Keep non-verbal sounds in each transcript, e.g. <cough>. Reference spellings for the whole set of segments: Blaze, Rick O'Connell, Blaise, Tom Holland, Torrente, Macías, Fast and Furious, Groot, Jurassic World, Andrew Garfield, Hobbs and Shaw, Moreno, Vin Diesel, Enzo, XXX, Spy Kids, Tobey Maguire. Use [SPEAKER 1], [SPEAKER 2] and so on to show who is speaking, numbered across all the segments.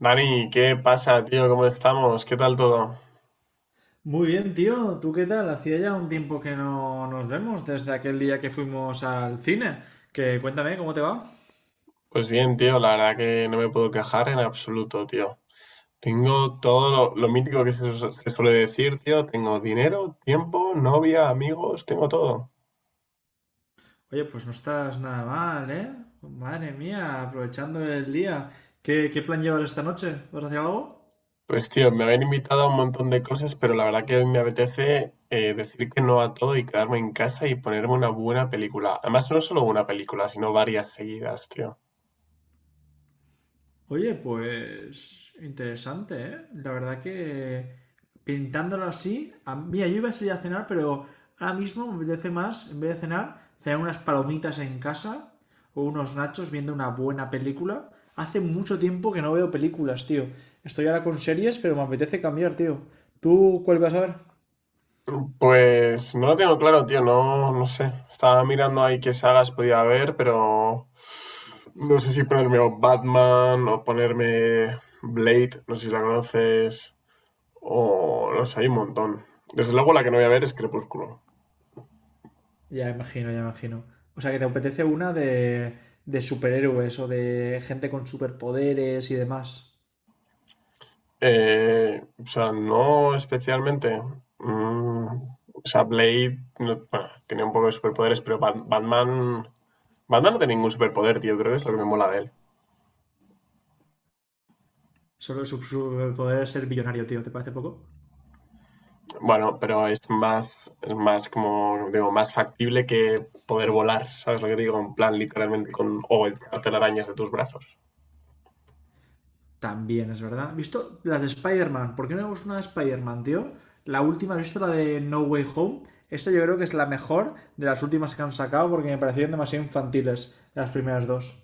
[SPEAKER 1] Dani, ¿qué pasa, tío? ¿Cómo estamos? ¿Qué tal todo?
[SPEAKER 2] Muy bien, tío. ¿Tú qué tal? Hacía ya un tiempo que no nos vemos, desde aquel día que fuimos al cine. Que cuéntame, ¿cómo te va?
[SPEAKER 1] Pues bien, tío, la verdad que no me puedo quejar en absoluto, tío. Tengo todo lo mítico que se suele decir, tío. Tengo dinero, tiempo, novia, amigos, tengo todo.
[SPEAKER 2] Oye, pues no estás nada mal, ¿eh? Madre mía, aprovechando el día. ¿Qué plan llevas esta noche? ¿Vas a hacer algo?
[SPEAKER 1] Pues, tío, me habían invitado a un montón de cosas, pero la verdad que hoy me apetece decir que no a todo y quedarme en casa y ponerme una buena película. Además, no solo una película, sino varias seguidas, tío.
[SPEAKER 2] Oye, pues interesante, ¿eh? La verdad que pintándolo así, mira, yo iba a salir a cenar, pero ahora mismo me apetece más, en vez de cenar, cenar unas palomitas en casa o unos nachos viendo una buena película. Hace mucho tiempo que no veo películas, tío. Estoy ahora con series, pero me apetece cambiar, tío. ¿Tú cuál vas a ver?
[SPEAKER 1] Pues no lo tengo claro, tío, no, no sé. Estaba mirando ahí qué sagas podía haber, pero no sé si ponerme o Batman o ponerme Blade, no sé si la conoces, o no sé, hay un montón. Desde luego la que no voy a ver es Crepúsculo.
[SPEAKER 2] Ya imagino, ya imagino. O sea, que te apetece una de superhéroes o de gente con superpoderes y demás.
[SPEAKER 1] O sea, no especialmente. Mm, o sea, Blade no- bueno, tenía un poco de superpoderes, pero Batman... Batman no tiene ningún superpoder, tío, creo que es lo que me mola de él.
[SPEAKER 2] Solo su superpoder es ser billonario, tío. ¿Te parece poco?
[SPEAKER 1] Bueno, pero es más como, digo, más factible que poder volar, ¿sabes lo que digo? En plan, literalmente con, o echarte las arañas de tus brazos.
[SPEAKER 2] También es verdad. ¿Visto las de Spider-Man? ¿Por qué no vemos una de Spider-Man, tío? La última, ¿has visto la de No Way Home? Esta yo creo que es la mejor de las últimas que han sacado porque me parecieron demasiado infantiles las primeras dos.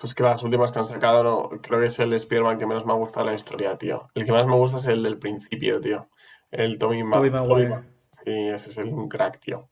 [SPEAKER 1] Pues que las últimas que han sacado, no, creo que es el Spider-Man que menos me ha gustado la historia, tío. El que más me gusta es el del principio, tío. El
[SPEAKER 2] Tobey
[SPEAKER 1] Tommy Ma-
[SPEAKER 2] Maguire.
[SPEAKER 1] Sí, ese es el un crack, tío.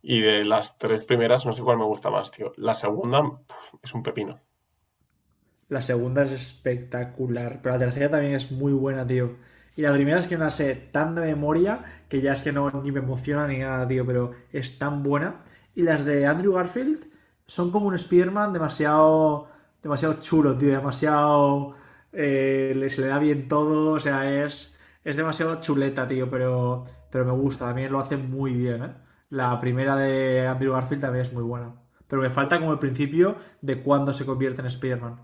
[SPEAKER 1] Y de las tres primeras, no sé cuál me gusta más, tío. La segunda, pf, es un pepino.
[SPEAKER 2] La segunda es espectacular, pero la tercera también es muy buena, tío. Y la primera es que no la sé tan de memoria que ya es que no ni me emociona ni nada, tío, pero es tan buena. Y las de Andrew Garfield son como un Spider-Man demasiado, demasiado chulo, tío, demasiado... se le da bien todo, o sea, es demasiado chuleta, tío, pero me gusta, también lo hace muy bien, ¿eh? La primera de Andrew Garfield también es muy buena. Pero me falta como el principio de cuándo se convierte en Spider-Man.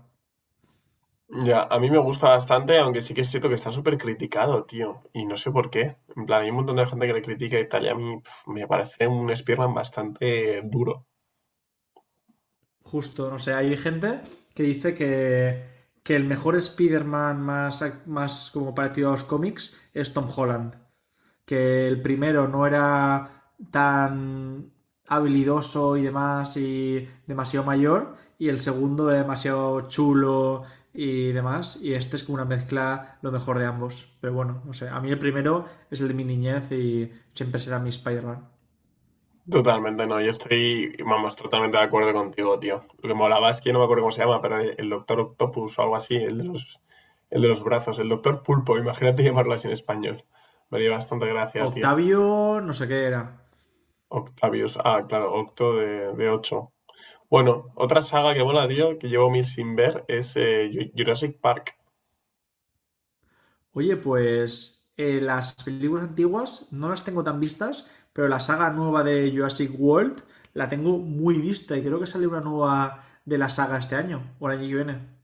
[SPEAKER 1] Ya, a mí me gusta bastante, aunque sí que es cierto que está súper criticado, tío. Y no sé por qué. En plan, hay un montón de gente que le critica y tal, y a mí pf, me parece un Spearman bastante duro.
[SPEAKER 2] Justo, no sé, hay gente que dice que, que el mejor Spider-Man más, más como parecido a los cómics es Tom Holland. Que el primero no era tan habilidoso y demás y demasiado mayor y el segundo era demasiado chulo y demás y este es como una mezcla lo mejor de ambos. Pero bueno, no sé, a mí el primero es el de mi niñez y siempre será mi Spider-Man.
[SPEAKER 1] Totalmente, no. Yo estoy, vamos, totalmente de acuerdo contigo, tío. Lo que molaba es que no me acuerdo cómo se llama, pero el Doctor Octopus o algo así, el de los brazos, el Doctor Pulpo, imagínate llamarlo así en español. Me haría bastante gracia, tío.
[SPEAKER 2] Octavio, no sé qué era.
[SPEAKER 1] Octavius, ah, claro, Octo de 8. Bueno, otra saga que mola, tío, que llevo mil sin ver, es Jurassic Park.
[SPEAKER 2] Oye, pues las películas antiguas no las tengo tan vistas, pero la saga nueva de Jurassic World la tengo muy vista y creo que sale una nueva de la saga este año o el año que viene.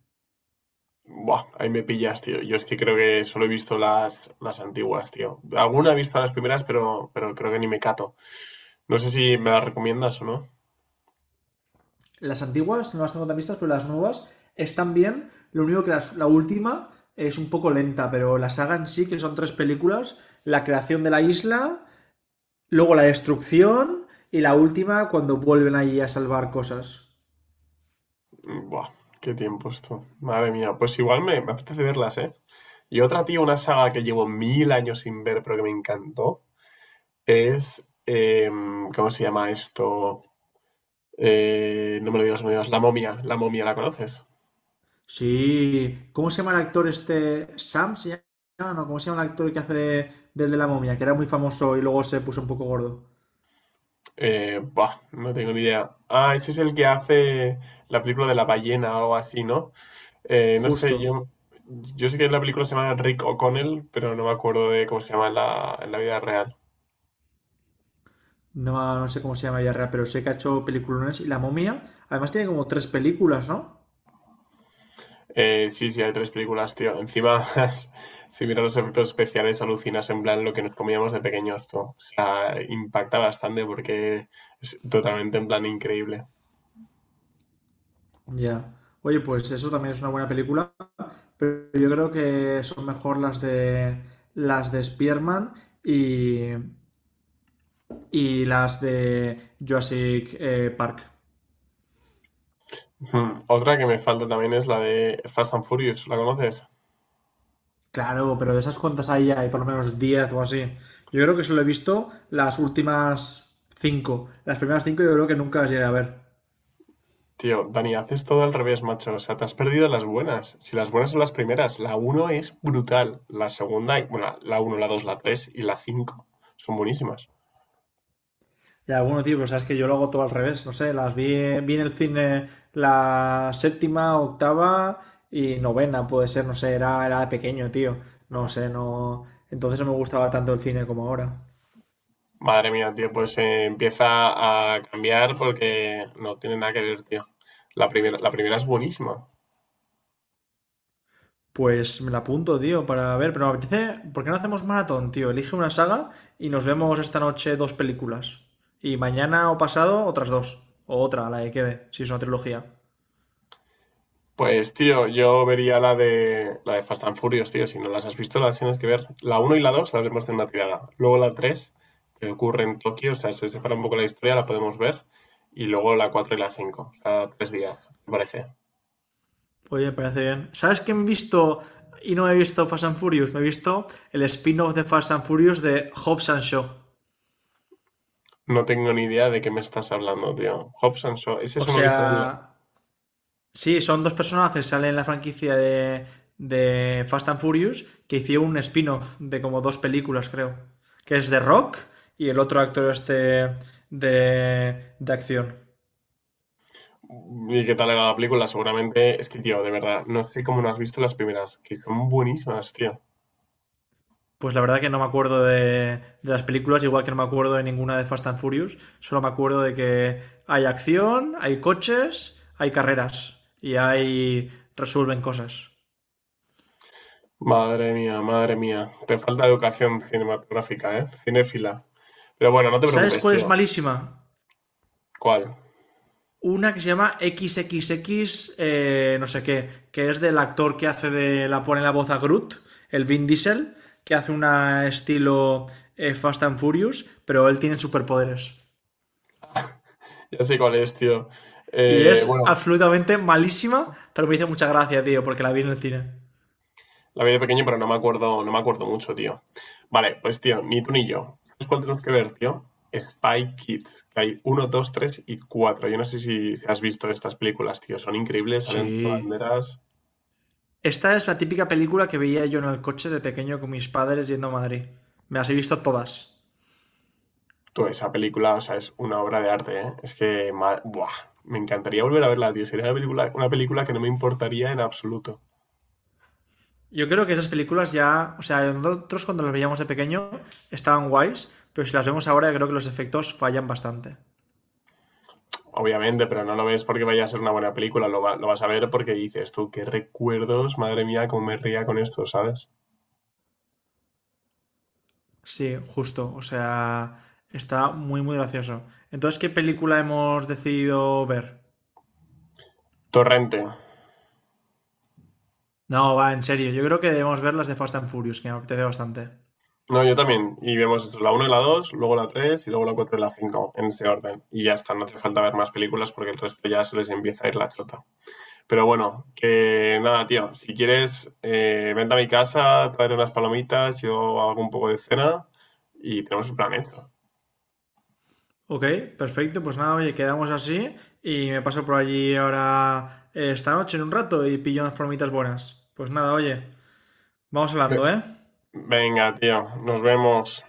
[SPEAKER 1] Buah, ahí me pillas, tío. Yo es que creo que solo he visto las antiguas, tío. Alguna he visto las primeras, pero creo que ni me cato. No sé si me las recomiendas o no.
[SPEAKER 2] Las antiguas no las tengo tan vistas, pero las nuevas están bien. Lo único que la última es un poco lenta, pero la saga en sí, que son tres películas, la creación de la isla, luego la destrucción y la última cuando vuelven ahí a salvar cosas.
[SPEAKER 1] Buah, qué tiempo esto. Madre mía, pues igual me apetece verlas, ¿eh? Y otra, tío, una saga que llevo mil años sin ver, pero que me encantó, es... ¿cómo se llama esto? No me lo digas, no me lo digas. La momia, la momia, ¿la conoces?
[SPEAKER 2] Sí, ¿cómo se llama el actor este? ¿Sam se llama? No, ¿cómo se llama el actor que hace del de la momia? Que era muy famoso y luego se puso un poco gordo.
[SPEAKER 1] Buah, no tengo ni idea. Ah, ese es el que hace la película de la ballena o algo así, ¿no? No sé,
[SPEAKER 2] Justo.
[SPEAKER 1] yo sé que en la película se llama Rick O'Connell, pero no me acuerdo de cómo se llama en en la vida real.
[SPEAKER 2] No, no sé cómo se llama ya, real, pero sé que ha hecho peliculones y la momia. Además tiene como tres películas, ¿no?
[SPEAKER 1] Sí, sí, hay tres películas, tío. Encima, <laughs> si miras los efectos especiales, alucinas en plan lo que nos comíamos de pequeños, tú. O sea, impacta bastante porque es totalmente en plan increíble.
[SPEAKER 2] Ya. Oye, pues eso también es una buena película, pero yo creo que son mejor las de Spearman y, y las de Jurassic Park.
[SPEAKER 1] Otra que me falta también es la de Fast and Furious, ¿la conoces?
[SPEAKER 2] Claro, pero de esas cuantas hay, hay por lo menos 10 o así. Yo creo que solo he visto las últimas cinco. Las primeras 5 yo creo que nunca las llegué a ver.
[SPEAKER 1] Tío, Dani, haces todo al revés, macho. O sea, te has perdido las buenas. Si las buenas son las primeras, la uno es brutal. Bueno, la uno la 2 la 3 y la cinco son buenísimas.
[SPEAKER 2] Ya, bueno, tío, pues sabes que yo lo hago todo al revés. No sé, las vi, en el cine la séptima, octava y novena, puede ser, no sé, era, era de pequeño, tío. No sé, no. Entonces no me gustaba tanto el cine como ahora.
[SPEAKER 1] Madre mía, tío, pues empieza a cambiar porque no tiene nada que ver, tío. La primera es buenísima.
[SPEAKER 2] Pues me la apunto, tío, para ver, pero me apetece, ¿por qué no hacemos maratón, tío? Elige una saga y nos vemos esta noche dos películas. Y mañana o pasado otras dos. O otra, la que quede, si es una trilogía.
[SPEAKER 1] Pues, tío, yo vería la de Fast and Furious, tío. Si no las has visto, las tienes que ver. La uno y la 2 las vemos en una tirada. Luego la 3 que ocurre en Tokio, o sea, se separa un poco la historia, la podemos ver. Y luego la 4 y la 5, cada tres días, ¿te parece?
[SPEAKER 2] Oye, me parece bien. ¿Sabes qué he visto y no he visto Fast and Furious? Me he visto el spin-off de Fast and Furious de Hobbs and Shaw.
[SPEAKER 1] No tengo ni idea de qué me estás hablando, tío. Hobbs and Shaw, ese
[SPEAKER 2] O
[SPEAKER 1] es uno que
[SPEAKER 2] sea,
[SPEAKER 1] sale en la...
[SPEAKER 2] sí, son dos personajes que salen en la franquicia de Fast and Furious que hicieron un spin-off de como dos películas, creo. Que es de Rock y el otro actor este de acción.
[SPEAKER 1] ¿Y qué tal era la película? Seguramente, es que, tío, de verdad, no sé cómo no has visto las primeras, que son buenísimas, tío.
[SPEAKER 2] Pues la verdad que no me acuerdo de las películas, igual que no me acuerdo de ninguna de Fast and Furious. Solo me acuerdo de que hay acción, hay coches, hay carreras y hay resuelven cosas.
[SPEAKER 1] Madre mía, madre mía. Te falta educación cinematográfica, ¿eh? Cinéfila. Pero bueno, no te
[SPEAKER 2] ¿Sabes
[SPEAKER 1] preocupes,
[SPEAKER 2] cuál es
[SPEAKER 1] tío.
[SPEAKER 2] malísima?
[SPEAKER 1] ¿Cuál?
[SPEAKER 2] Una que se llama XXX, no sé qué, que es del actor que hace de la pone la voz a Groot, el Vin Diesel, que hace una estilo Fast and Furious, pero él tiene superpoderes.
[SPEAKER 1] Ya sé cuál es, tío.
[SPEAKER 2] Y
[SPEAKER 1] Eh,
[SPEAKER 2] es
[SPEAKER 1] bueno,
[SPEAKER 2] absolutamente malísima, pero me hizo mucha gracia, tío, porque la vi en el cine.
[SPEAKER 1] la vi de pequeño, pero no me acuerdo, no me acuerdo mucho, tío. Vale, pues tío, ni tú ni yo. ¿Sabes cuál tenemos que ver, tío? Spy Kids, que hay uno, dos, tres y cuatro. Yo no sé si has visto estas películas, tío. Son increíbles, salen tres
[SPEAKER 2] Sí.
[SPEAKER 1] banderas.
[SPEAKER 2] Esta es la típica película que veía yo en el coche de pequeño con mis padres yendo a Madrid. Me las he visto todas.
[SPEAKER 1] Tú, esa película, o sea, es una obra de arte, ¿eh? Es que, buah, me encantaría volver a verla, tío. Sería una película que no me importaría en absoluto.
[SPEAKER 2] Yo creo que esas películas ya, o sea, nosotros cuando las veíamos de pequeño estaban guays, pero si las vemos ahora creo que los efectos fallan bastante.
[SPEAKER 1] Obviamente, pero no lo ves porque vaya a ser una buena película, lo vas a ver porque dices, tú, qué recuerdos, madre mía, cómo me ría con esto, ¿sabes?
[SPEAKER 2] Sí, justo, o sea, está muy, muy gracioso. Entonces, ¿qué película hemos decidido ver?
[SPEAKER 1] Torrente.
[SPEAKER 2] No, va, en serio, yo creo que debemos ver las de Fast and Furious, que me apetece bastante.
[SPEAKER 1] No, yo también. Y vemos esto, la uno y la 2 luego la 3 y luego la 4 y la 5 en ese orden. Y ya está, no hace falta ver más películas porque el resto ya se les empieza a ir la chota. Pero bueno, que nada, tío. Si quieres, vente a mi casa, traer unas palomitas, yo hago un poco de cena y tenemos el plan hecho.
[SPEAKER 2] Ok, perfecto, pues nada, oye, quedamos así y me paso por allí ahora esta noche en un rato y pillo unas palomitas buenas. Pues nada, oye, vamos
[SPEAKER 1] Ve-
[SPEAKER 2] hablando, ¿eh?
[SPEAKER 1] Venga, tío. Nos vemos.